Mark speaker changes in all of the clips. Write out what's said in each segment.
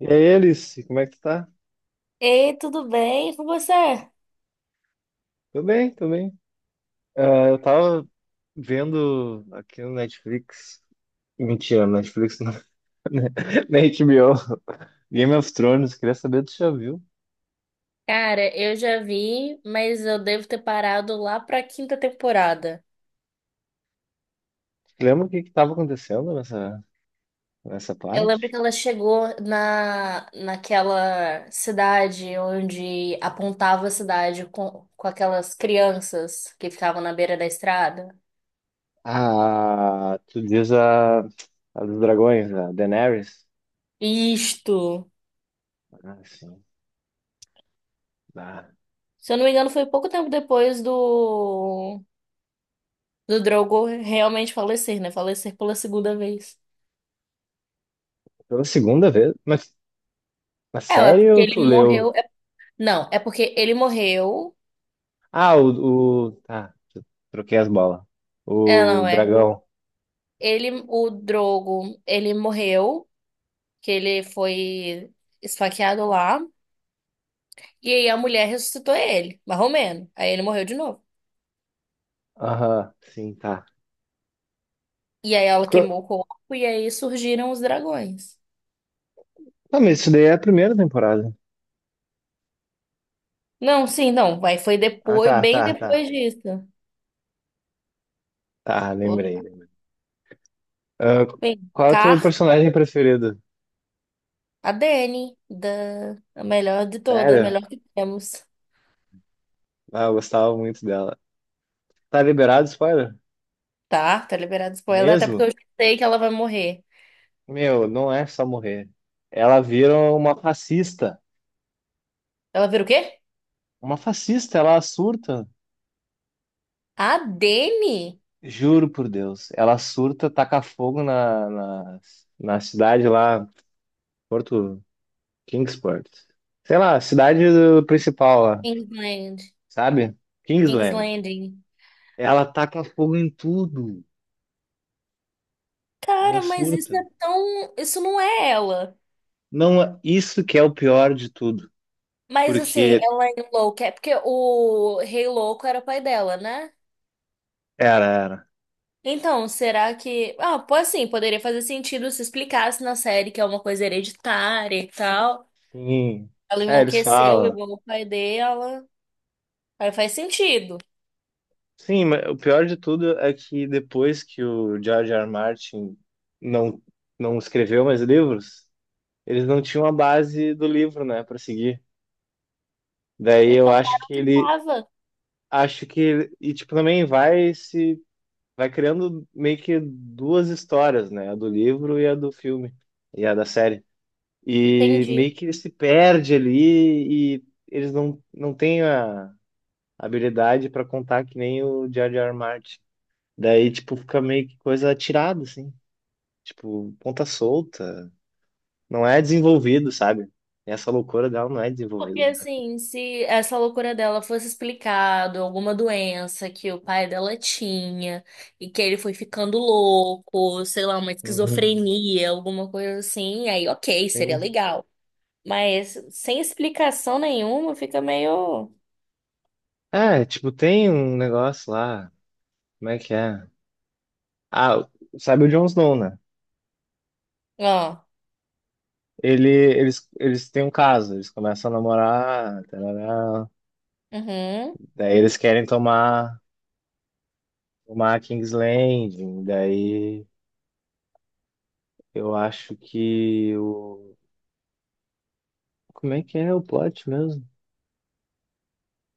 Speaker 1: E aí, Alice, como é que tu tá?
Speaker 2: Ei, tudo bem? E com você?
Speaker 1: Tô bem, tô bem. Ah, eu tava vendo aqui no Netflix. Mentira, no Netflix não. Na HBO. Game of Thrones, queria saber se tu já viu.
Speaker 2: Cara, eu já vi, mas eu devo ter parado lá pra quinta temporada.
Speaker 1: Lembra o que que tava acontecendo nessa
Speaker 2: Eu lembro que
Speaker 1: parte?
Speaker 2: ela chegou naquela cidade onde apontava a cidade com aquelas crianças que ficavam na beira da estrada.
Speaker 1: Ah, tu diz a dos dragões, a Daenerys.
Speaker 2: Isto!
Speaker 1: Ah, sim. Ah,
Speaker 2: Se eu não me engano, foi pouco tempo depois do Drogo realmente falecer, né? Falecer pela segunda vez.
Speaker 1: pela segunda vez? Mas
Speaker 2: É, é porque
Speaker 1: sério, tu
Speaker 2: ele
Speaker 1: leu?
Speaker 2: morreu. Não, é porque ele morreu.
Speaker 1: Ah, Tá, troquei as bolas.
Speaker 2: É,
Speaker 1: O
Speaker 2: não, é.
Speaker 1: dragão.
Speaker 2: Ele, o Drogo, ele morreu, que ele foi esfaqueado lá. E aí a mulher ressuscitou ele, mais ou menos. Aí ele morreu de novo.
Speaker 1: Aham, sim, tá.
Speaker 2: E aí ela
Speaker 1: Co-
Speaker 2: queimou o corpo e aí surgiram os dragões.
Speaker 1: Não, mas isso daí é a primeira temporada.
Speaker 2: Não, sim, não. Aí foi
Speaker 1: Ah,
Speaker 2: depois,
Speaker 1: tá,
Speaker 2: bem
Speaker 1: tá, tá.
Speaker 2: depois disso.
Speaker 1: Tá, lembrei. Ah,
Speaker 2: Bem,
Speaker 1: qual é o teu
Speaker 2: Car,
Speaker 1: personagem preferido?
Speaker 2: a Dany, da, a melhor de todas, a
Speaker 1: Sério?
Speaker 2: melhor que temos.
Speaker 1: Ah, eu gostava muito dela. Tá liberado spoiler?
Speaker 2: Tá, tá liberado spoiler, até porque
Speaker 1: Mesmo?
Speaker 2: eu já sei que ela vai morrer.
Speaker 1: Meu, não é só morrer. Ela vira uma fascista.
Speaker 2: Ela vira o quê?
Speaker 1: Uma fascista, ela surta.
Speaker 2: A Dany?
Speaker 1: Juro por Deus. Ela surta, taca fogo na cidade lá, Porto Kingsport. Sei lá, cidade principal lá,
Speaker 2: Kingsland.
Speaker 1: sabe? Kingsland.
Speaker 2: Kingsland.
Speaker 1: Ela taca fogo em tudo. Ela
Speaker 2: Cara, mas isso
Speaker 1: surta.
Speaker 2: é tão. Isso não é ela.
Speaker 1: Não, isso que é o pior de tudo.
Speaker 2: Mas assim,
Speaker 1: Porque
Speaker 2: ela enlouquece. Porque o Rei Louco era pai dela, né?
Speaker 1: era, era.
Speaker 2: Então, será que. Ah, pô, assim, poderia fazer sentido se explicasse na série que é uma coisa hereditária e tal.
Speaker 1: Sim.
Speaker 2: Ela
Speaker 1: É, eles
Speaker 2: enlouqueceu
Speaker 1: falam.
Speaker 2: igual o pai dela. Aí faz sentido.
Speaker 1: Sim, mas o pior de tudo é que depois que o George R. R. Martin não, não escreveu mais livros, eles não tinham a base do livro, né, para seguir. Daí eu
Speaker 2: Então,
Speaker 1: acho
Speaker 2: para
Speaker 1: que
Speaker 2: onde
Speaker 1: ele,
Speaker 2: tava.
Speaker 1: e tipo também vai se vai criando meio que duas histórias, né, a do livro e a do filme e a da série. E
Speaker 2: Entendi.
Speaker 1: meio que ele se perde ali e eles não têm a habilidade para contar que nem o Jar Jar Martin. Daí, tipo, fica meio que coisa atirada, assim. Tipo, ponta solta. Não é desenvolvido, sabe? Essa loucura dela não é
Speaker 2: Porque,
Speaker 1: desenvolvida.
Speaker 2: assim, se essa loucura dela fosse explicado, alguma doença que o pai dela tinha e que ele foi ficando louco, sei lá, uma
Speaker 1: Uhum.
Speaker 2: esquizofrenia, alguma coisa assim, aí ok, seria
Speaker 1: Tem-
Speaker 2: legal. Mas sem explicação nenhuma, fica meio.
Speaker 1: É, tipo, tem um negócio lá. Como é que é? Ah, sabe o Jon Snow, né?
Speaker 2: Ó,
Speaker 1: Eles têm um caso, eles começam a namorar, tarará.
Speaker 2: uhum,
Speaker 1: Daí eles querem tomar uma King's Landing, daí eu acho que o. Como é que é o plot mesmo?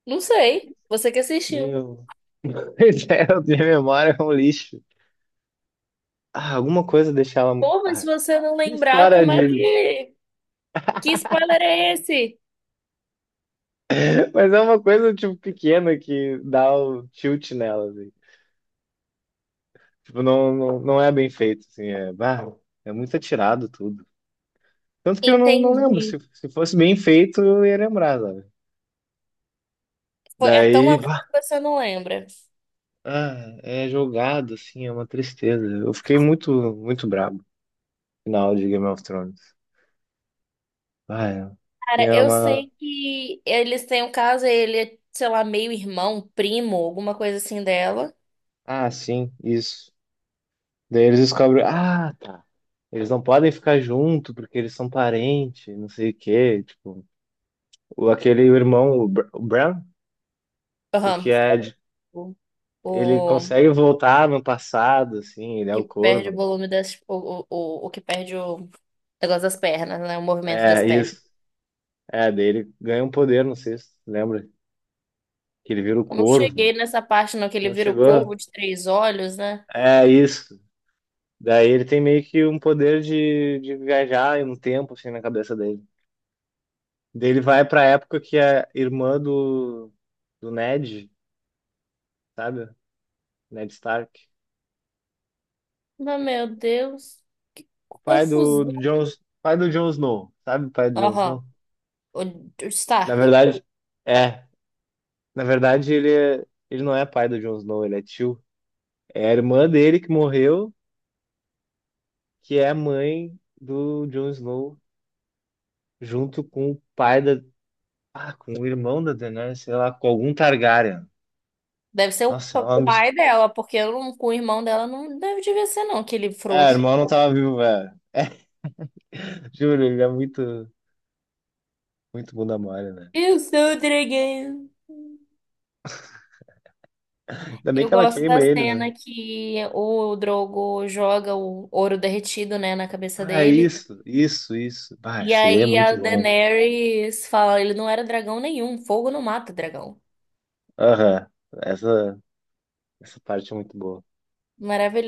Speaker 2: não sei, você que assistiu.
Speaker 1: Meu. Pois é, eu tenho memória é um lixo. Ah, alguma coisa deixava.
Speaker 2: Pô, mas se
Speaker 1: Ah,
Speaker 2: você não
Speaker 1: que
Speaker 2: lembrar,
Speaker 1: história
Speaker 2: como é
Speaker 1: de.
Speaker 2: que. Que spoiler é esse?
Speaker 1: Mas é uma coisa, tipo, pequena que dá o tilt nela, assim. Tipo, não, não, não é bem feito, assim. É, bah, é muito atirado tudo. Tanto que eu não lembro. Se,
Speaker 2: Entendi.
Speaker 1: se fosse bem feito, eu ia lembrar, sabe?
Speaker 2: É tão a
Speaker 1: Daí.
Speaker 2: fundo que você não lembra.
Speaker 1: Ah, é jogado, assim, é uma tristeza. Eu fiquei muito, muito brabo no final de Game of Thrones. Ah, é. Tem
Speaker 2: Cara, eu
Speaker 1: uma.
Speaker 2: sei que eles têm um caso, ele é, sei lá, meio irmão, primo, alguma coisa assim dela.
Speaker 1: Ah, sim, isso. Daí eles descobrem. Ah, tá. Eles não podem ficar junto porque eles são parentes, não sei o quê. Tipo, o, aquele irmão, o Bran, o
Speaker 2: Aham.
Speaker 1: que é.
Speaker 2: O,
Speaker 1: Ele
Speaker 2: o
Speaker 1: consegue voltar no passado, assim, ele é
Speaker 2: que
Speaker 1: o
Speaker 2: perde
Speaker 1: corvo,
Speaker 2: o
Speaker 1: né?
Speaker 2: volume das. O que perde o negócio das pernas, né? O movimento das
Speaker 1: É,
Speaker 2: pernas.
Speaker 1: isso. É, daí ele ganha um poder, não sei se tu lembra, que ele vira o
Speaker 2: Não
Speaker 1: corvo.
Speaker 2: cheguei nessa parte, não, que ele
Speaker 1: Não
Speaker 2: vira o
Speaker 1: chegou.
Speaker 2: corvo de três olhos, né?
Speaker 1: É isso. Daí ele tem meio que um poder de viajar em um tempo, assim, na cabeça dele. Daí ele vai pra época que a irmã do Ned, sabe? Ned Stark.
Speaker 2: Mas, meu Deus, que
Speaker 1: O
Speaker 2: confusão.
Speaker 1: Pai do Jon Snow, sabe? O pai do Jon
Speaker 2: Aham.
Speaker 1: Snow.
Speaker 2: O
Speaker 1: Na
Speaker 2: Stark.
Speaker 1: verdade, é. Na verdade, ele não é pai do Jon Snow, ele é tio. É a irmã dele que morreu, que é a mãe do Jon Snow, junto com o pai da... Ah, com o irmão da Daenerys, sei lá, com algum Targaryen.
Speaker 2: Deve ser o
Speaker 1: Nossa, é uma.
Speaker 2: pai dela, porque eu não, com o irmão dela não deve devia ser, não, aquele
Speaker 1: É,
Speaker 2: frouxo.
Speaker 1: irmão não tava vivo, velho. Juro, ele é muito, muito bunda mole, né?
Speaker 2: Eu sou o dragão.
Speaker 1: Ainda bem
Speaker 2: Eu
Speaker 1: que ela
Speaker 2: gosto
Speaker 1: queima
Speaker 2: da
Speaker 1: ele, né?
Speaker 2: cena que o Drogo joga o ouro derretido, né, na cabeça
Speaker 1: Ah, é
Speaker 2: dele.
Speaker 1: isso, isso, isso. Ah,
Speaker 2: E
Speaker 1: seria
Speaker 2: aí
Speaker 1: muito
Speaker 2: a
Speaker 1: bom.
Speaker 2: Daenerys fala, ele não era dragão nenhum, fogo não mata dragão.
Speaker 1: Aham. Essa, essa parte é muito boa.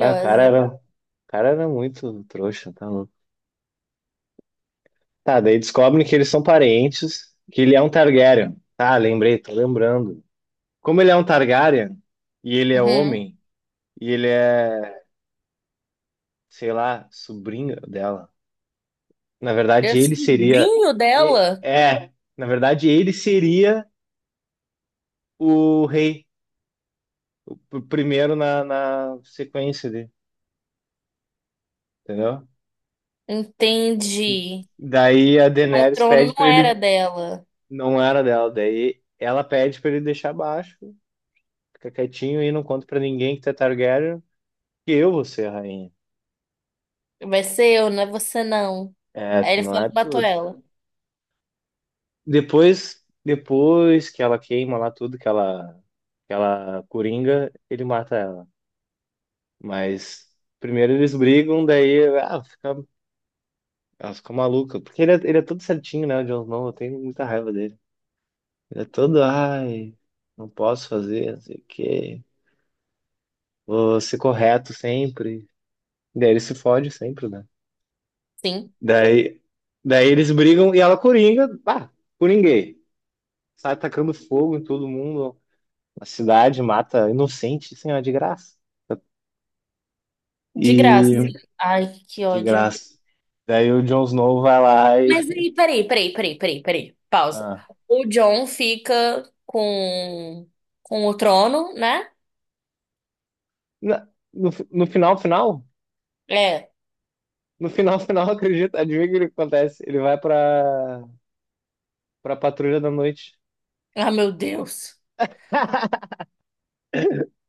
Speaker 1: Ah, o cara era, o cara era muito trouxa, tá louco. Tá, daí descobrem que eles são parentes, que ele é um Targaryen. Tá, lembrei, tô lembrando. Como ele é um Targaryen, e ele é
Speaker 2: Uhum.
Speaker 1: homem, e ele é, sei lá, sobrinho dela. Na
Speaker 2: E o
Speaker 1: verdade, ele seria.
Speaker 2: sobrinho dela,
Speaker 1: É, na verdade, ele seria o rei, o primeiro na sequência dele, entendeu?
Speaker 2: entende?
Speaker 1: Daí a
Speaker 2: O
Speaker 1: Daenerys
Speaker 2: trono
Speaker 1: pede pra
Speaker 2: não era
Speaker 1: ele.
Speaker 2: dela.
Speaker 1: Não era dela, daí ela pede pra ele deixar baixo, fica quietinho e não conta pra ninguém que tu é Targaryen, que eu vou ser a rainha.
Speaker 2: Vai ser eu, não é você não.
Speaker 1: É,
Speaker 2: Aí
Speaker 1: tu
Speaker 2: ele
Speaker 1: não
Speaker 2: falou
Speaker 1: é
Speaker 2: que matou
Speaker 1: tudo.
Speaker 2: ela.
Speaker 1: Depois que ela queima lá tudo, que ela coringa, ele mata ela. Mas. Primeiro eles brigam, daí ah, fica Ela fica maluca. Porque ele é todo certinho, né? O Jon Snow. Eu tenho muita raiva dele. Ele é todo, ai, não posso fazer, não sei o quê. Vou ser correto sempre. Daí ele se fode sempre, né?
Speaker 2: Sim,
Speaker 1: Daí, daí eles brigam e ela coringa, pá, coringuei. Sai tacando fogo em todo mundo. A cidade mata inocente, assim, ó, de graça.
Speaker 2: de graça.
Speaker 1: E
Speaker 2: Ai, que
Speaker 1: de
Speaker 2: ódio.
Speaker 1: graça. Daí o Jon Snow vai lá e.
Speaker 2: Mas aí, peraí, peraí, peraí, peraí, peraí. Pausa.
Speaker 1: Ah.
Speaker 2: O John fica com o trono, né?
Speaker 1: No final, final.
Speaker 2: É.
Speaker 1: No final, final, acredita? Adivinha o que ele acontece? Ele vai pra patrulha da noite.
Speaker 2: Ah, meu Deus.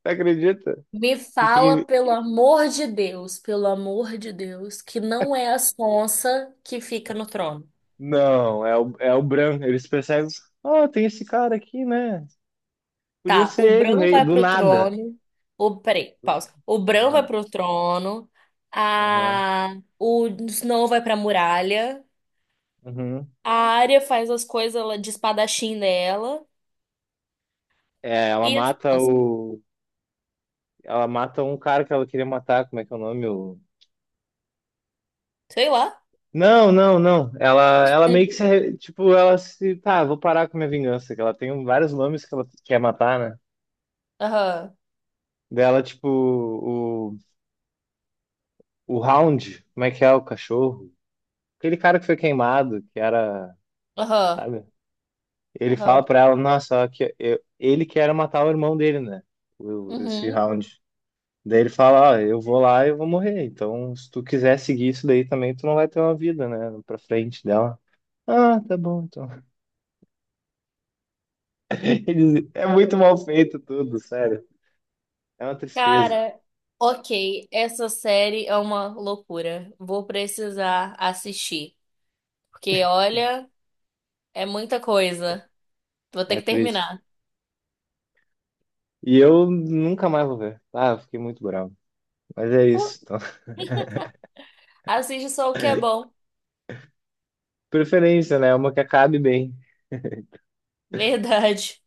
Speaker 1: Você acredita?
Speaker 2: Me
Speaker 1: E
Speaker 2: fala,
Speaker 1: quem.
Speaker 2: pelo amor de Deus, pelo amor de Deus, que não é a Sonsa que fica no trono.
Speaker 1: Não, é o Bran. Eles percebem. Ah, tem esse cara aqui, né? Podia
Speaker 2: Tá, o
Speaker 1: ser ele o
Speaker 2: Bran
Speaker 1: rei.
Speaker 2: vai
Speaker 1: Do
Speaker 2: pro
Speaker 1: nada.
Speaker 2: trono. O, peraí,
Speaker 1: Do-
Speaker 2: pausa. O Bran vai
Speaker 1: Aham,
Speaker 2: pro trono.
Speaker 1: aham,
Speaker 2: A, o Snow vai pra muralha.
Speaker 1: uhum.
Speaker 2: A Arya faz as coisas lá de espadachim dela.
Speaker 1: É, ela
Speaker 2: E a
Speaker 1: mata
Speaker 2: Sonsa.
Speaker 1: o. Ela mata um cara que ela queria matar. Como é que é o nome? O...
Speaker 2: Sei lá.
Speaker 1: Não, não, não. Ela meio que se. Tipo, ela se. Tá, vou parar com minha vingança. Que ela tem vários nomes que ela quer matar, né?
Speaker 2: Aham,
Speaker 1: Dela, tipo, O Hound, como é que é o cachorro? Aquele cara que foi queimado, que era,
Speaker 2: aham,
Speaker 1: sabe? Ele fala
Speaker 2: aham.
Speaker 1: pra ela, nossa, ó, que ele que matar o irmão dele, né? Esse
Speaker 2: Uhum.
Speaker 1: Hound. Daí ele fala, ó, eu vou lá e eu vou morrer. Então, se tu quiser seguir isso daí também, tu não vai ter uma vida, né? Pra frente dela. Ah, tá bom, então. É muito mal feito tudo, sério. É uma tristeza.
Speaker 2: Cara, ok, essa série é uma loucura. Vou precisar assistir. Porque, olha, é muita coisa. Vou ter
Speaker 1: É
Speaker 2: que
Speaker 1: triste.
Speaker 2: terminar.
Speaker 1: E eu nunca mais vou ver. Ah, eu fiquei muito bravo. Mas é
Speaker 2: Pô,
Speaker 1: isso. Então,
Speaker 2: assiste só o que é bom.
Speaker 1: preferência, né? Uma que acabe bem.
Speaker 2: Verdade.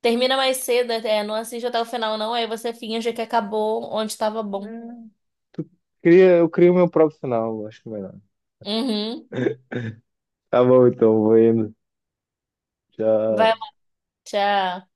Speaker 2: Termina mais cedo, é, não assiste até o final, não. Aí você finge que acabou onde estava bom.
Speaker 1: Eu crio meu próprio final, acho que é melhor.
Speaker 2: Uhum.
Speaker 1: Tá bom, então, vou indo.
Speaker 2: Vai lá,
Speaker 1: Tchau.
Speaker 2: tchau.